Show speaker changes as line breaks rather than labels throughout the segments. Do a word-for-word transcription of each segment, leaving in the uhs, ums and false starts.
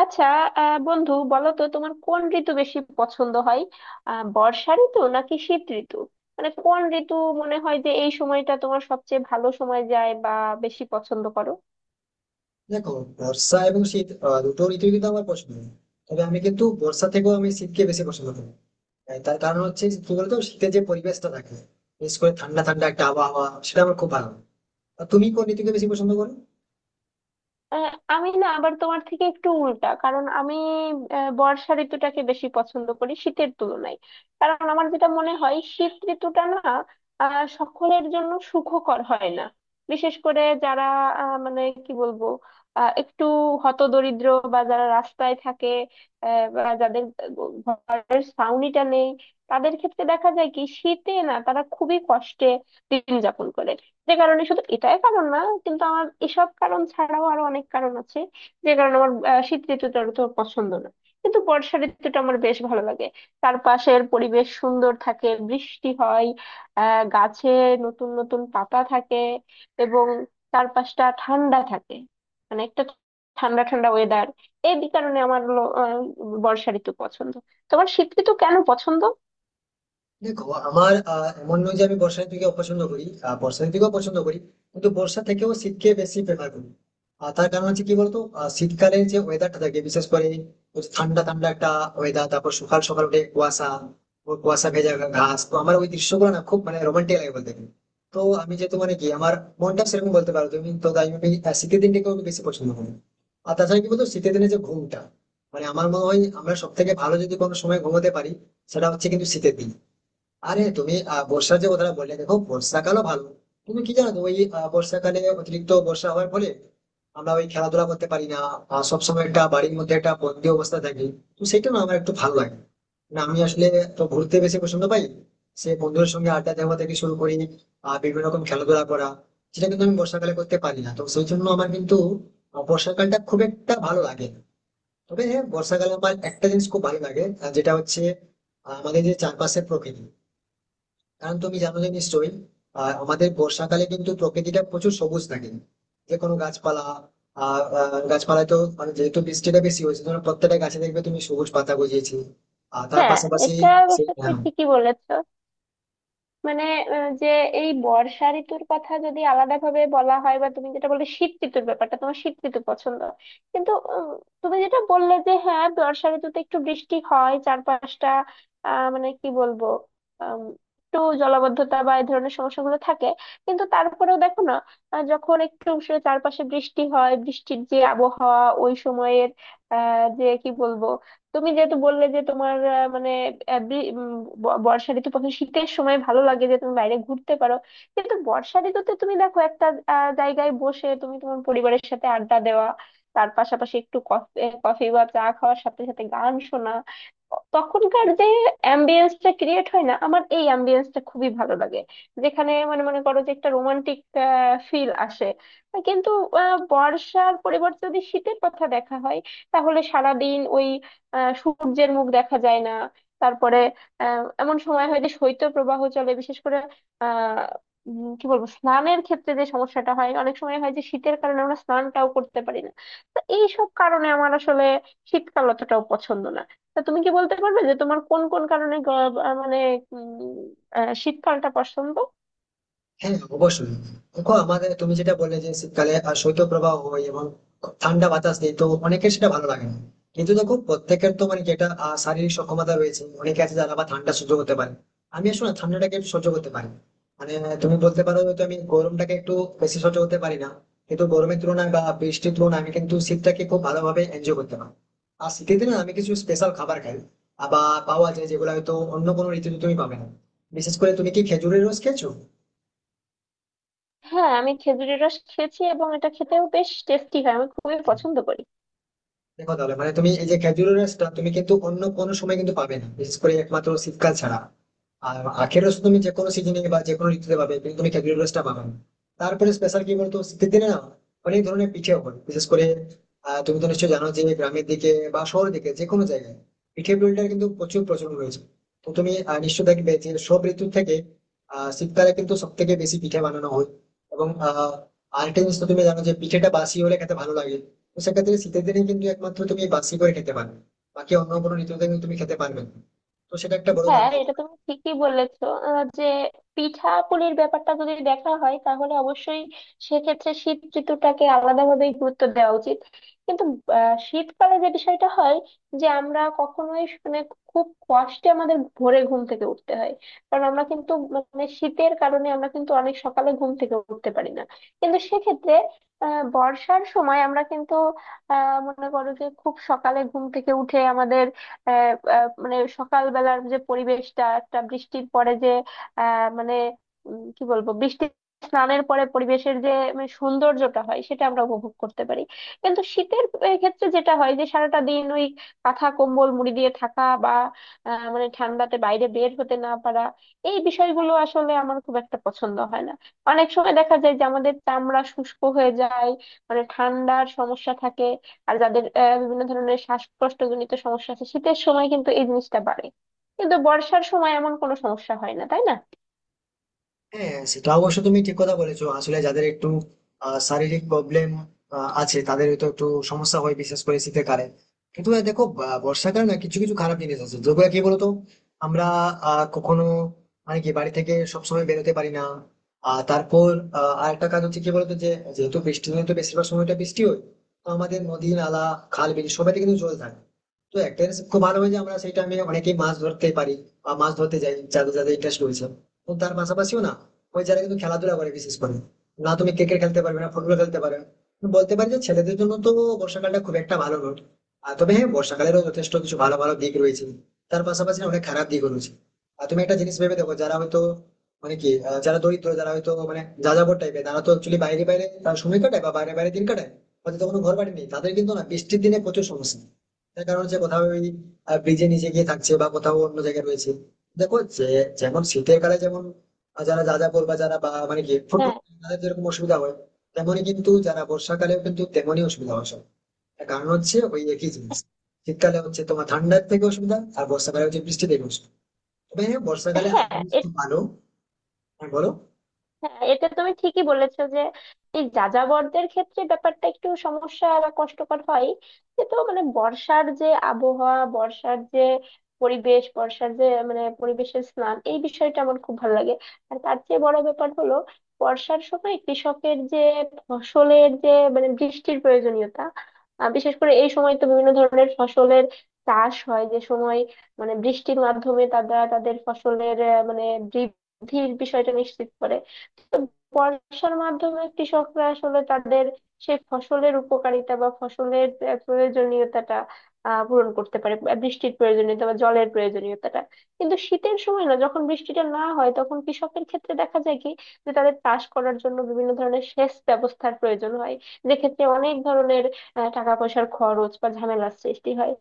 আচ্ছা। আহ, বন্ধু, বলো তো তোমার কোন ঋতু বেশি পছন্দ হয়? আহ, বর্ষা ঋতু নাকি শীত ঋতু? মানে কোন ঋতু মনে হয় যে এই সময়টা তোমার সবচেয়ে ভালো সময় যায়, বা বেশি পছন্দ করো?
দেখো, বর্ষা এবং শীত আহ, দুটো ঋতুই কিন্তু আমার পছন্দ। তবে আমি কিন্তু বর্ষা থেকেও আমি শীতকে বেশি পছন্দ করি। আহ, তার কারণ হচ্ছে কি বলতো, শীতের যে পরিবেশটা থাকে, বিশেষ করে ঠান্ডা ঠান্ডা একটা আবহাওয়া, সেটা আমার খুব ভালো লাগে। আর তুমি কোন ঋতুকে বেশি পছন্দ করো?
আহ, আমি না, আবার তোমার থেকে একটু উল্টা। কারণ আমি আহ, বর্ষা ঋতুটাকে বেশি পছন্দ করি শীতের তুলনায়। কারণ আমার যেটা মনে হয় শীত ঋতুটা না আহ, সকলের জন্য সুখকর হয় না। বিশেষ করে যারা আহ, মানে কি বলবো, আহ, একটু হতদরিদ্র, বা যারা রাস্তায় থাকে, আহ, বা যাদের ঘরের ছাউনিটা নেই, তাদের ক্ষেত্রে দেখা যায় কি, শীতে না তারা খুবই কষ্টে দিন যাপন করে। যে কারণে, শুধু এটাই কারণ না, কিন্তু আমার এসব কারণ ছাড়াও আরো অনেক কারণ আছে যে কারণে আমার আহ, শীত ঋতুটা তো পছন্দ না। কিন্তু বর্ষা ঋতুটা আমার বেশ ভালো লাগে। চারপাশের পরিবেশ সুন্দর থাকে, বৃষ্টি হয়, আহ গাছে নতুন নতুন পাতা থাকে, এবং চারপাশটা ঠান্ডা থাকে। মানে একটা ঠান্ডা ঠান্ডা ওয়েদার। এই বি- কারণে আমার হলো, আহ, বর্ষা ঋতু পছন্দ। তোমার শীত ঋতু কেন পছন্দ?
দেখো, আমার আহ, এমন নয় যে আমি বর্ষা ঋতুকে অপছন্দ করি, আহ, বর্ষা ঋতুকেও পছন্দ করি, কিন্তু বর্ষা থেকেও শীতকে বেশি প্রেফার করি। আর তার কারণ হচ্ছে কি বলতো, আহ, শীতকালে যে ওয়েদারটা থাকে, বিশেষ করে ওই ঠান্ডা ঠান্ডা একটা ওয়েদার, তারপর সকাল সকাল উঠে কুয়াশা ও কুয়াশা ভেজা ঘাস, তো আমার ওই দৃশ্যগুলো না খুব মানে রোমান্টিক লাগে বলতে গেলে। তো আমি যেহেতু মানে কি আমার মনটা সেরকম বলতে পারো তুমি, তো তাই আমি আহ, শীতের দিনটাকে আমি বেশি পছন্দ করি। আর তাছাড়া কি বলতো, শীতের দিনে যে ঘুমটা, মানে আমার মনে হয় আমরা সব থেকে ভালো যদি কোনো সময় ঘুমোতে পারি, সেটা হচ্ছে কিন্তু শীতের দিন। আরে তুমি আহ, বর্ষার যে কথাটা বললে, দেখো বর্ষাকালও ভালো। তুমি কি জানো তো ওই আহ, বর্ষাকালে অতিরিক্ত বর্ষা হওয়ার ফলে আমরা ওই খেলাধুলা করতে পারি না, আহ, সবসময় একটা বাড়ির মধ্যে একটা বন্দি অবস্থা থাকি। তো সেটা না আমার একটু ভালো লাগে না। আমি আসলে তো ঘুরতে বেশি পছন্দ পাই, সে বন্ধুদের সঙ্গে আড্ডা দেওয়া থেকে শুরু করি আহ বিভিন্ন রকম খেলাধুলা করা, সেটা কিন্তু আমি বর্ষাকালে করতে পারি না, তো সেই জন্য আমার কিন্তু আহ, বর্ষাকালটা খুব একটা ভালো লাগে না। তবে হ্যাঁ, বর্ষাকালে আমার একটা জিনিস খুব ভালো লাগে, আহ, যেটা হচ্ছে আহ, আমাদের যে চারপাশের প্রকৃতি। কারণ তুমি জানো যে নিশ্চয়ই, আহ, আমাদের বর্ষাকালে কিন্তু প্রকৃতিটা প্রচুর সবুজ থাকে, যে কোনো গাছপালা, আহ আহ, গাছপালায় তো মানে যেহেতু বৃষ্টিটা বেশি হয়েছে, ধরো প্রত্যেকটা গাছে দেখবে তুমি সবুজ পাতা গজিয়েছে। আর তার
হ্যাঁ,
পাশাপাশি
এটা অবশ্য
সেই,
তুমি
হ্যাঁ।
ঠিকই বলেছ। মানে, আহ, যে এই বর্ষা ঋতুর কথা যদি আলাদা ভাবে বলা হয়, বা তুমি যেটা বললে শীত ঋতুর ব্যাপারটা, তোমার শীত ঋতু পছন্দ। কিন্তু উম, তুমি যেটা বললে যে, হ্যাঁ, বর্ষা ঋতুতে একটু বৃষ্টি হয়, চারপাশটা আহ মানে কি বলবো, আম, একটু জলাবদ্ধতা বা এই ধরনের সমস্যাগুলো থাকে। কিন্তু তারপরেও দেখো না, আহ, যখন একটু সে চারপাশে বৃষ্টি হয়, বৃষ্টির যে আবহাওয়া ওই সময়ের, আহ যে কি বলবো। তুমি যেহেতু বললে যে তোমার আহ, মানে আহ, বি- উম, ব- বর্ষা ঋতু পছন্দ, শীতের সময় ভালো লাগে যে তুমি বাইরে ঘুরতে পারো। কিন্তু বর্ষা ঋতুতে তুমি দেখো একটা আহ, জায়গায় বসে তুমি তোমার পরিবারের সাথে আড্ডা দেওয়া, তার পাশাপাশি একটু কফি কফি বা চা খাওয়ার সাথে সাথে গান শোনা। তখনকার যে অ্যাম্বিয়েন্সটা ক্রিয়েট হয় না, আমার এই অ্যাম্বিয়েন্সটা খুবই ভালো লাগে। যেখানে মানে মনে করো যে একটা রোমান্টিক ফিল আসে। কিন্তু আহ, বর্ষার পরিবর্তে যদি শীতের কথা দেখা হয়, তাহলে সারাদিন ওই আহ সূর্যের মুখ দেখা যায় না। তারপরে আহ এমন সময় হয় যে শৈত্য প্রবাহ চলে। বিশেষ করে আহ উম, কি বলবো, স্নানের ক্ষেত্রে যে সমস্যাটা হয়, অনেক সময় হয় যে শীতের কারণে আমরা স্নানটাও করতে পারি না। তো এইসব কারণে আমার আসলে শীতকাল অতটাও পছন্দ না। তা তুমি কি বলতে পারবে যে তোমার কোন কোন কারণে গ- আহ, মানে উম, আহ, শীতকালটা পছন্দ?
হ্যাঁ, অবশ্যই। দেখো, আমাদের তুমি যেটা বললে যে শীতকালে আহ, শৈত্যপ্রবাহ হয় এবং খুব ঠান্ডা বাতাস নেই, তো অনেকের সেটা ভালো লাগে না। কিন্তু দেখো প্রত্যেকের তো মানে যেটা আহ, শারীরিক সক্ষমতা রয়েছে, অনেকে আছে যারা আবার ঠান্ডা সহ্য করতে পারে। আমি আসলে ঠান্ডাটাকে একটু সহ্য করতে পারি, মানে তুমি বলতে পারো হয়তো আমি গরমটাকে একটু বেশি সহ্য করতে পারি না। কিন্তু গরমের তুলনায় বা বৃষ্টির তুলনায় আমি কিন্তু শীতটাকে খুব ভালোভাবে এনজয় করতে পারি। আর শীতের দিনে আমি কিছু স্পেশাল খাবার খাই, আবার পাওয়া যায় যেগুলো হয়তো অন্য কোনো ঋতুতে তুমি পাবে না। বিশেষ করে তুমি কি খেজুরের রস খেয়েছো?
হ্যাঁ, আমি খেজুরের রস খেয়েছি, এবং এটা খেতেও বেশ টেস্টি হয়। আমি খুবই পছন্দ করি।
দেখো তাহলে, মানে তুমি এই যে খেজুরের রসটা তুমি কিন্তু অন্য কোনো সময় কিন্তু পাবে না, বিশেষ করে একমাত্র শীতকাল ছাড়া। আর আখের রস তুমি যে কোনো সিজনে বা যে কোনো ঋতুতে পাবে, কিন্তু তুমি খেজুরের রসটা পাবে না। তারপরে স্পেশাল কি বলতো, শীতের দিনে না অনেক ধরনের পিঠে হয়, বিশেষ করে আহ, তুমি তো নিশ্চয়ই জানো যে গ্রামের দিকে বা শহরের দিকে যে কোনো জায়গায় পিঠে পুলিটার কিন্তু প্রচুর প্রচলন রয়েছে। তো তুমি আহ, নিশ্চয়ই দেখবে যে সব ঋতু থেকে আহ শীতকালে কিন্তু সব থেকে বেশি পিঠে বানানো হয়। এবং আহ আরেকটা জিনিস তো তুমি জানো যে পিঠেটা বাসি হলে খেতে ভালো লাগে, তো সেক্ষেত্রে শীতের দিনে কিন্তু একমাত্র তুমি বাসি করে খেতে পারবে, বাকি অন্য কোনো ঋতুতে কিন্তু তুমি খেতে পারবে না। তো সেটা একটা বড়
হ্যাঁ,
কারণ হতে
এটা
পারে।
তুমি ঠিকই বলেছো। আহ, যে পিঠাপুলির ব্যাপারটা যদি দেখা হয়, তাহলে অবশ্যই সেক্ষেত্রে শীত ঋতুটাকে আলাদাভাবে গুরুত্ব দেওয়া উচিত। কিন্তু আহ, শীতকালে যে বিষয়টা হয় যে আমরা কখনোই, মানে, খুব কষ্টে আমাদের ভোরে ঘুম থেকে উঠতে হয়। কারণ আমরা কিন্তু, মানে, শীতের কারণে আমরা কিন্তু অনেক সকালে ঘুম থেকে উঠতে পারি না। কিন্তু সেক্ষেত্রে আহ বর্ষার সময় আমরা কিন্তু আহ মনে করো যে খুব সকালে ঘুম থেকে উঠে আমাদের, আহ, আহ, মানে সকালবেলার যে পরিবেশটা, একটা বৃষ্টির পরে যে আহ, মানে উম, কি বলবো, বৃষ্টি স্নানের পরে পরিবেশের যে মানে সৌন্দর্যটা হয়, সেটা আমরা উপভোগ করতে পারি। কিন্তু শীতের আহ, ক্ষেত্রে যেটা হয় যে সারাটা দিন ওই কাঁথা কম্বল মুড়ি দিয়ে থাকা, বা আহ, মানে ঠান্ডাতে বাইরে বের হতে না পারা, এই বিষয়গুলো আসলে আমার খুব একটা পছন্দ হয় না। অনেক সময় দেখা যায় যে আমাদের চামড়া শুষ্ক হয়ে যায়, মানে ঠান্ডার সমস্যা থাকে। আর যাদের আহ, বিভিন্ন ধরনের শ্বাসকষ্টজনিত সমস্যা আছে, শীতের সময় কিন্তু এই জিনিসটা বাড়ে। কিন্তু বর্ষার সময় এমন কোনো সমস্যা হয় না, তাই না?
হ্যাঁ, সেটা অবশ্য তুমি ঠিক কথা বলেছো। আসলে যাদের একটু আহ, শারীরিক প্রবলেম আছে তাদের তো একটু সমস্যা হয়, বিশেষ করে শীতের কালে। কিন্তু আহ, দেখো, বা- বর্ষাকালে না কিছু কিছু খারাপ জিনিস আছে, যেগুলো কি বলতো আমরা আহ, কখনো মানে কি বাড়ি থেকে সবসময় বেরোতে পারি না। আর তারপর আহ, আরেকটা কাজ হচ্ছে কি বলতো যে যেহেতু বৃষ্টি দিনে তো বেশিরভাগ সময়টা বৃষ্টি হয়, তো আমাদের নদী নালা খাল বিল সবাইতে কিন্তু জল থাকে। তো একটা জিনিস খুব ভালো হয়েছে, আমরা সেটা আমি অনেকেই মাছ ধরতে পারি বা মাছ ধরতে যাই, যাদের যাদের ইন্টারেস্ট রয়েছে। তো তার পাশাপাশিও না ওই যারা কিন্তু খেলাধুলা করে, বিশেষ করে না তুমি ক্রিকেট খেলতে পারবে না, ফুটবল খেলতে পারবে না। তো বলতে পারি যে ছেলেদের জন্য তো বর্ষাকালটা খুব একটা ভালো নয়। আর তবে হ্যাঁ, বর্ষাকালেরও যথেষ্ট কিছু ভালো ভালো দিক রয়েছে, তার পাশাপাশি না অনেক খারাপ দিকও রয়েছে। আর তুমি একটা জিনিস ভেবে দেখো, যারা হয়তো মানে কি আহ, যারা দরিদ্র, যারা হয়তো মানে যাযাবর টাইপের, তারা তো অ্যাকচুয়ালি বাইরে বাইরে তারা সময় কাটায় বা বাইরে বাইরে দিন কাটায়, হয়তো তখন ঘর বাড়ি নেই তাদের, কিন্তু না বৃষ্টির দিনে প্রচুর সমস্যা। তার কারণ হচ্ছে কোথাও ওই ব্রিজের নিচে গিয়ে থাকছে বা কোথাও অন্য জায়গায় রয়েছে। দেখো যে যেমন শীতের কালে যেমন যারা যা যা করবা যারা বা মানে কি ফুটবল,
হ্যাঁ,
তাদের যেরকম অসুবিধা হয়, তেমনি কিন্তু যারা বর্ষাকালেও কিন্তু তেমনই অসুবিধা হয় সব। তার কারণ হচ্ছে ওই একই জিনিস, শীতকালে হচ্ছে তোমার ঠান্ডার থেকে অসুবিধা, আর বর্ষাকালে হচ্ছে বৃষ্টি থেকে অসুবিধা। তবে হ্যাঁ, বর্ষাকালে আর
হ্যাঁ,
জিনিস খুব ভালো। হ্যাঁ, বলো।
হ্যাঁ, এটা তুমি ঠিকই বলেছো যে এই যাযাবরদের ক্ষেত্রে ব্যাপারটা একটু সমস্যা বা কষ্টকর হয়। কিন্তু মানে বর্ষার যে আবহাওয়া, বর্ষার যে পরিবেশ, বর্ষার যে মানে পরিবেশের স্নান, এই বিষয়টা আমার খুব ভালো লাগে। আর তার চেয়ে বড় ব্যাপার হলো, বর্ষার সময় কৃষকের যে ফসলের যে মানে বৃষ্টির প্রয়োজনীয়তা, আহ, বিশেষ করে এই সময় তো বিভিন্ন ধরনের ফসলের চাষ হয় যে সময়, মানে বৃষ্টির মাধ্যমে তারা তাদের ফসলের আহ, মানে বৃদ্ধির বিষয়টা নিশ্চিত করে। বর্ষার মাধ্যমে কৃষকরা আসলে তাদের সেই ফসলের উপকারিতা বা ফসলের আহ, প্রয়োজনীয়তাটা আহ পূরণ করতে পারে, আহ, বৃষ্টির প্রয়োজনীয়তা বা জলের প্রয়োজনীয়তাটা। কিন্তু শীতের সময় না, যখন বৃষ্টিটা না হয়, তখন কৃষকের ক্ষেত্রে দেখা যায় কি যে তাদের চাষ করার জন্য বিভিন্ন ধরনের সেচ ব্যবস্থার প্রয়োজন হয়, যেক্ষেত্রে অনেক ধরনের আহ, টাকা পয়সার খরচ বা ঝামেলার সৃষ্টি হয়।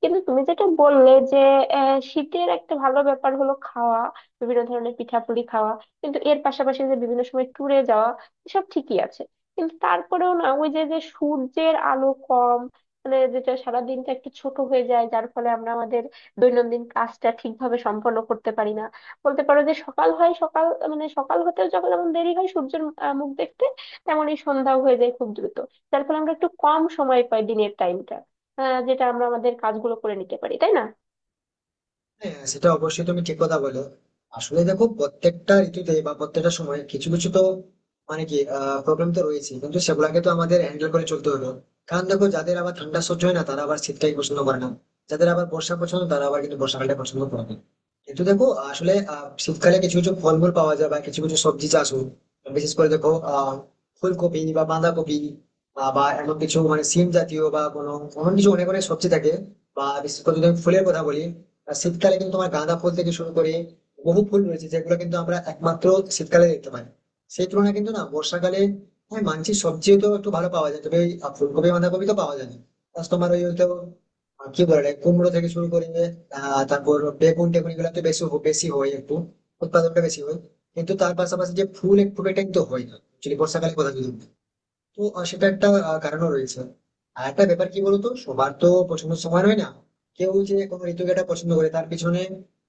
কিন্তু তুমি যেটা বললে যে আহ, শীতের একটা ভালো ব্যাপার হলো খাওয়া, বিভিন্ন ধরনের পিঠাপুলি খাওয়া। কিন্তু এর পাশাপাশি যে বিভিন্ন সময় ট্যুরে যাওয়া, এসব ঠিকই আছে। কিন্তু তারপরেও না, ওই যে যে সূর্যের আলো কম, মানে যেটা সারাদিনটা একটু ছোট হয়ে যায়, যার ফলে আমরা আমাদের দৈনন্দিন কাজটা ঠিকভাবে সম্পন্ন করতে পারি না। বলতে পারো যে, সকাল হয় সকাল, মানে সকাল হতেও যখন যেমন দেরি হয় সূর্যের আহ, মুখ দেখতে, তেমনই সন্ধ্যাও হয়ে যায় খুব দ্রুত। যার ফলে আমরা একটু কম সময় পাই, দিনের টাইমটা, যেটা আমরা আমাদের কাজগুলো করে নিতে পারি, তাই না?
হ্যাঁ, সেটা অবশ্যই তুমি ঠিক কথা বলো। আসলে দেখো প্রত্যেকটা ঋতুতে বা প্রত্যেকটা সময় কিছু কিছু তো মানে কি প্রবলেম তো রয়েছে, কিন্তু সেগুলাকে তো আমাদের হ্যান্ডেল করে চলতে হলো। কারণ দেখো, যাদের আবার ঠান্ডা সহ্য হয় না তারা আবার শীতটাই পছন্দ করে না, যাদের আবার বর্ষা পছন্দ তারা আবার কিন্তু বর্ষাকালটা পছন্দ করে না। কিন্তু দেখো, আসলে আহ, শীতকালে কিছু কিছু ফলমূল পাওয়া যায় বা কিছু কিছু সবজি চাষ হয়, বিশেষ করে দেখো, আহ ফুলকপি বা বাঁধাকপি, আহ, বা এমন কিছু মানে সিম জাতীয় বা কোনো এমন কিছু অনেক অনেক সবজি থাকে। বা বিশেষ করে যদি আমি ফুলের কথা বলি, আর শীতকালে কিন্তু তোমার গাঁদা ফুল থেকে শুরু করে বহু ফুল রয়েছে, যেগুলো কিন্তু আমরা একমাত্র শীতকালে দেখতে পাই। সেই তুলনায় কিন্তু না বর্ষাকালে, হ্যাঁ মানছি সবজিও তো একটু ভালো পাওয়া যায়, তবে ওই ফুলকপি বাঁধাকপি তো পাওয়া যায় না। Plus তোমার ওই হয়তো আহ, কি বলে ওটাকে, কুমড়ো থেকে শুরু করে আহ তারপর বেগুন টেগুন, এগুলো তো বেশি হ- বেশি হয় একটু, উৎপাদনটা বেশি হয়। কিন্তু তার পাশাপাশি যে ফুল এক ফুল এটা কিন্তু হয় না, যদি বর্ষাকালে কথা যদি বলি। তো আহ, সেটা একটা আহ, কারণও রয়েছে। আর একটা ব্যাপার কি বলতো, সবার তো পছন্দের সময় হয় না। কেউ যে কোনো ঋতুকে একটা পছন্দ করে, তার পিছনে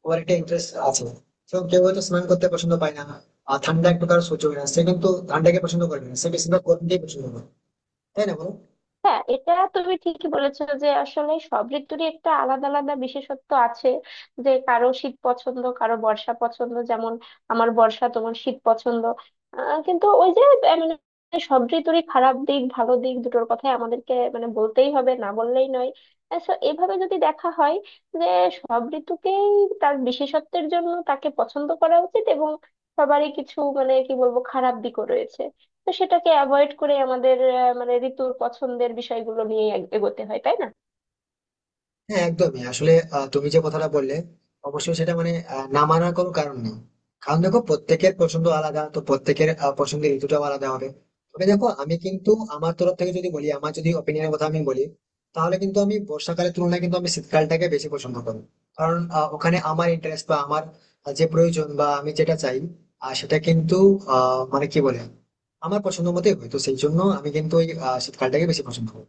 ওর একটা ইন্টারেস্ট আছে। তো কেউ হয়তো স্নান করতে পছন্দ পায় না আর ঠান্ডা এক প্রকার সহ্য করে না, সে কিন্তু ঠান্ডাকে পছন্দ করে না, সে বেশিরভাগ গরমকেই পছন্দ করে, তাই না বলো?
হ্যাঁ, এটা তুমি ঠিকই বলেছো যে আসলে সব ঋতুরই একটা আলাদা আলাদা বিশেষত্ব আছে। যে কারো শীত পছন্দ, কারো বর্ষা পছন্দ, যেমন আমার বর্ষা, তোমার শীত পছন্দ। আহ, কিন্তু ওই যে আহ, মানে সব ঋতুরই খারাপ দিক ভালো দিক দুটোর কথাই আমাদেরকে মানে বলতেই হবে, না বললেই নয়। আহ, so এভাবে যদি দেখা হয় যে সব ঋতুকেই তার বিশেষত্বের জন্য তাকে পছন্দ করা উচিত, এবং সবারই কিছু, মানে কি বলবো, খারাপ দিকও রয়েছে। তো সেটাকে অ্যাভয়েড করে আমাদের আহ, মানে ঋতুর পছন্দের বিষয়গুলো নিয়ে এগোতে হয়, তাই না?
হ্যাঁ, একদমই। আসলে আহ, তুমি যে কথাটা বললে, অবশ্যই সেটা মানে আহ, না মানার কোনো কারণ নেই। কারণ দেখো, প্রত্যেকের পছন্দ আলাদা, তো প্রত্যেকের আহ, পছন্দের ঋতুটাও আলাদা হবে। তবে দেখো, আমি কিন্তু আমার তরফ থেকে যদি বলি, আমার যদি ওপিনিয়নের কথা আমি বলি, তাহলে কিন্তু আমি বর্ষাকালের তুলনায় কিন্তু আমি শীতকালটাকে বেশি পছন্দ করি। কারণ আহ, ওখানে আমার ইন্টারেস্ট বা আমার আহ, যে প্রয়োজন বা আমি যেটা চাই, আর সেটা কিন্তু আহ মানে কি বলে আমার পছন্দ মতোই হয়, তো সেই জন্য আমি কিন্তু ওই আহ, শীতকালটাকে বেশি পছন্দ করি।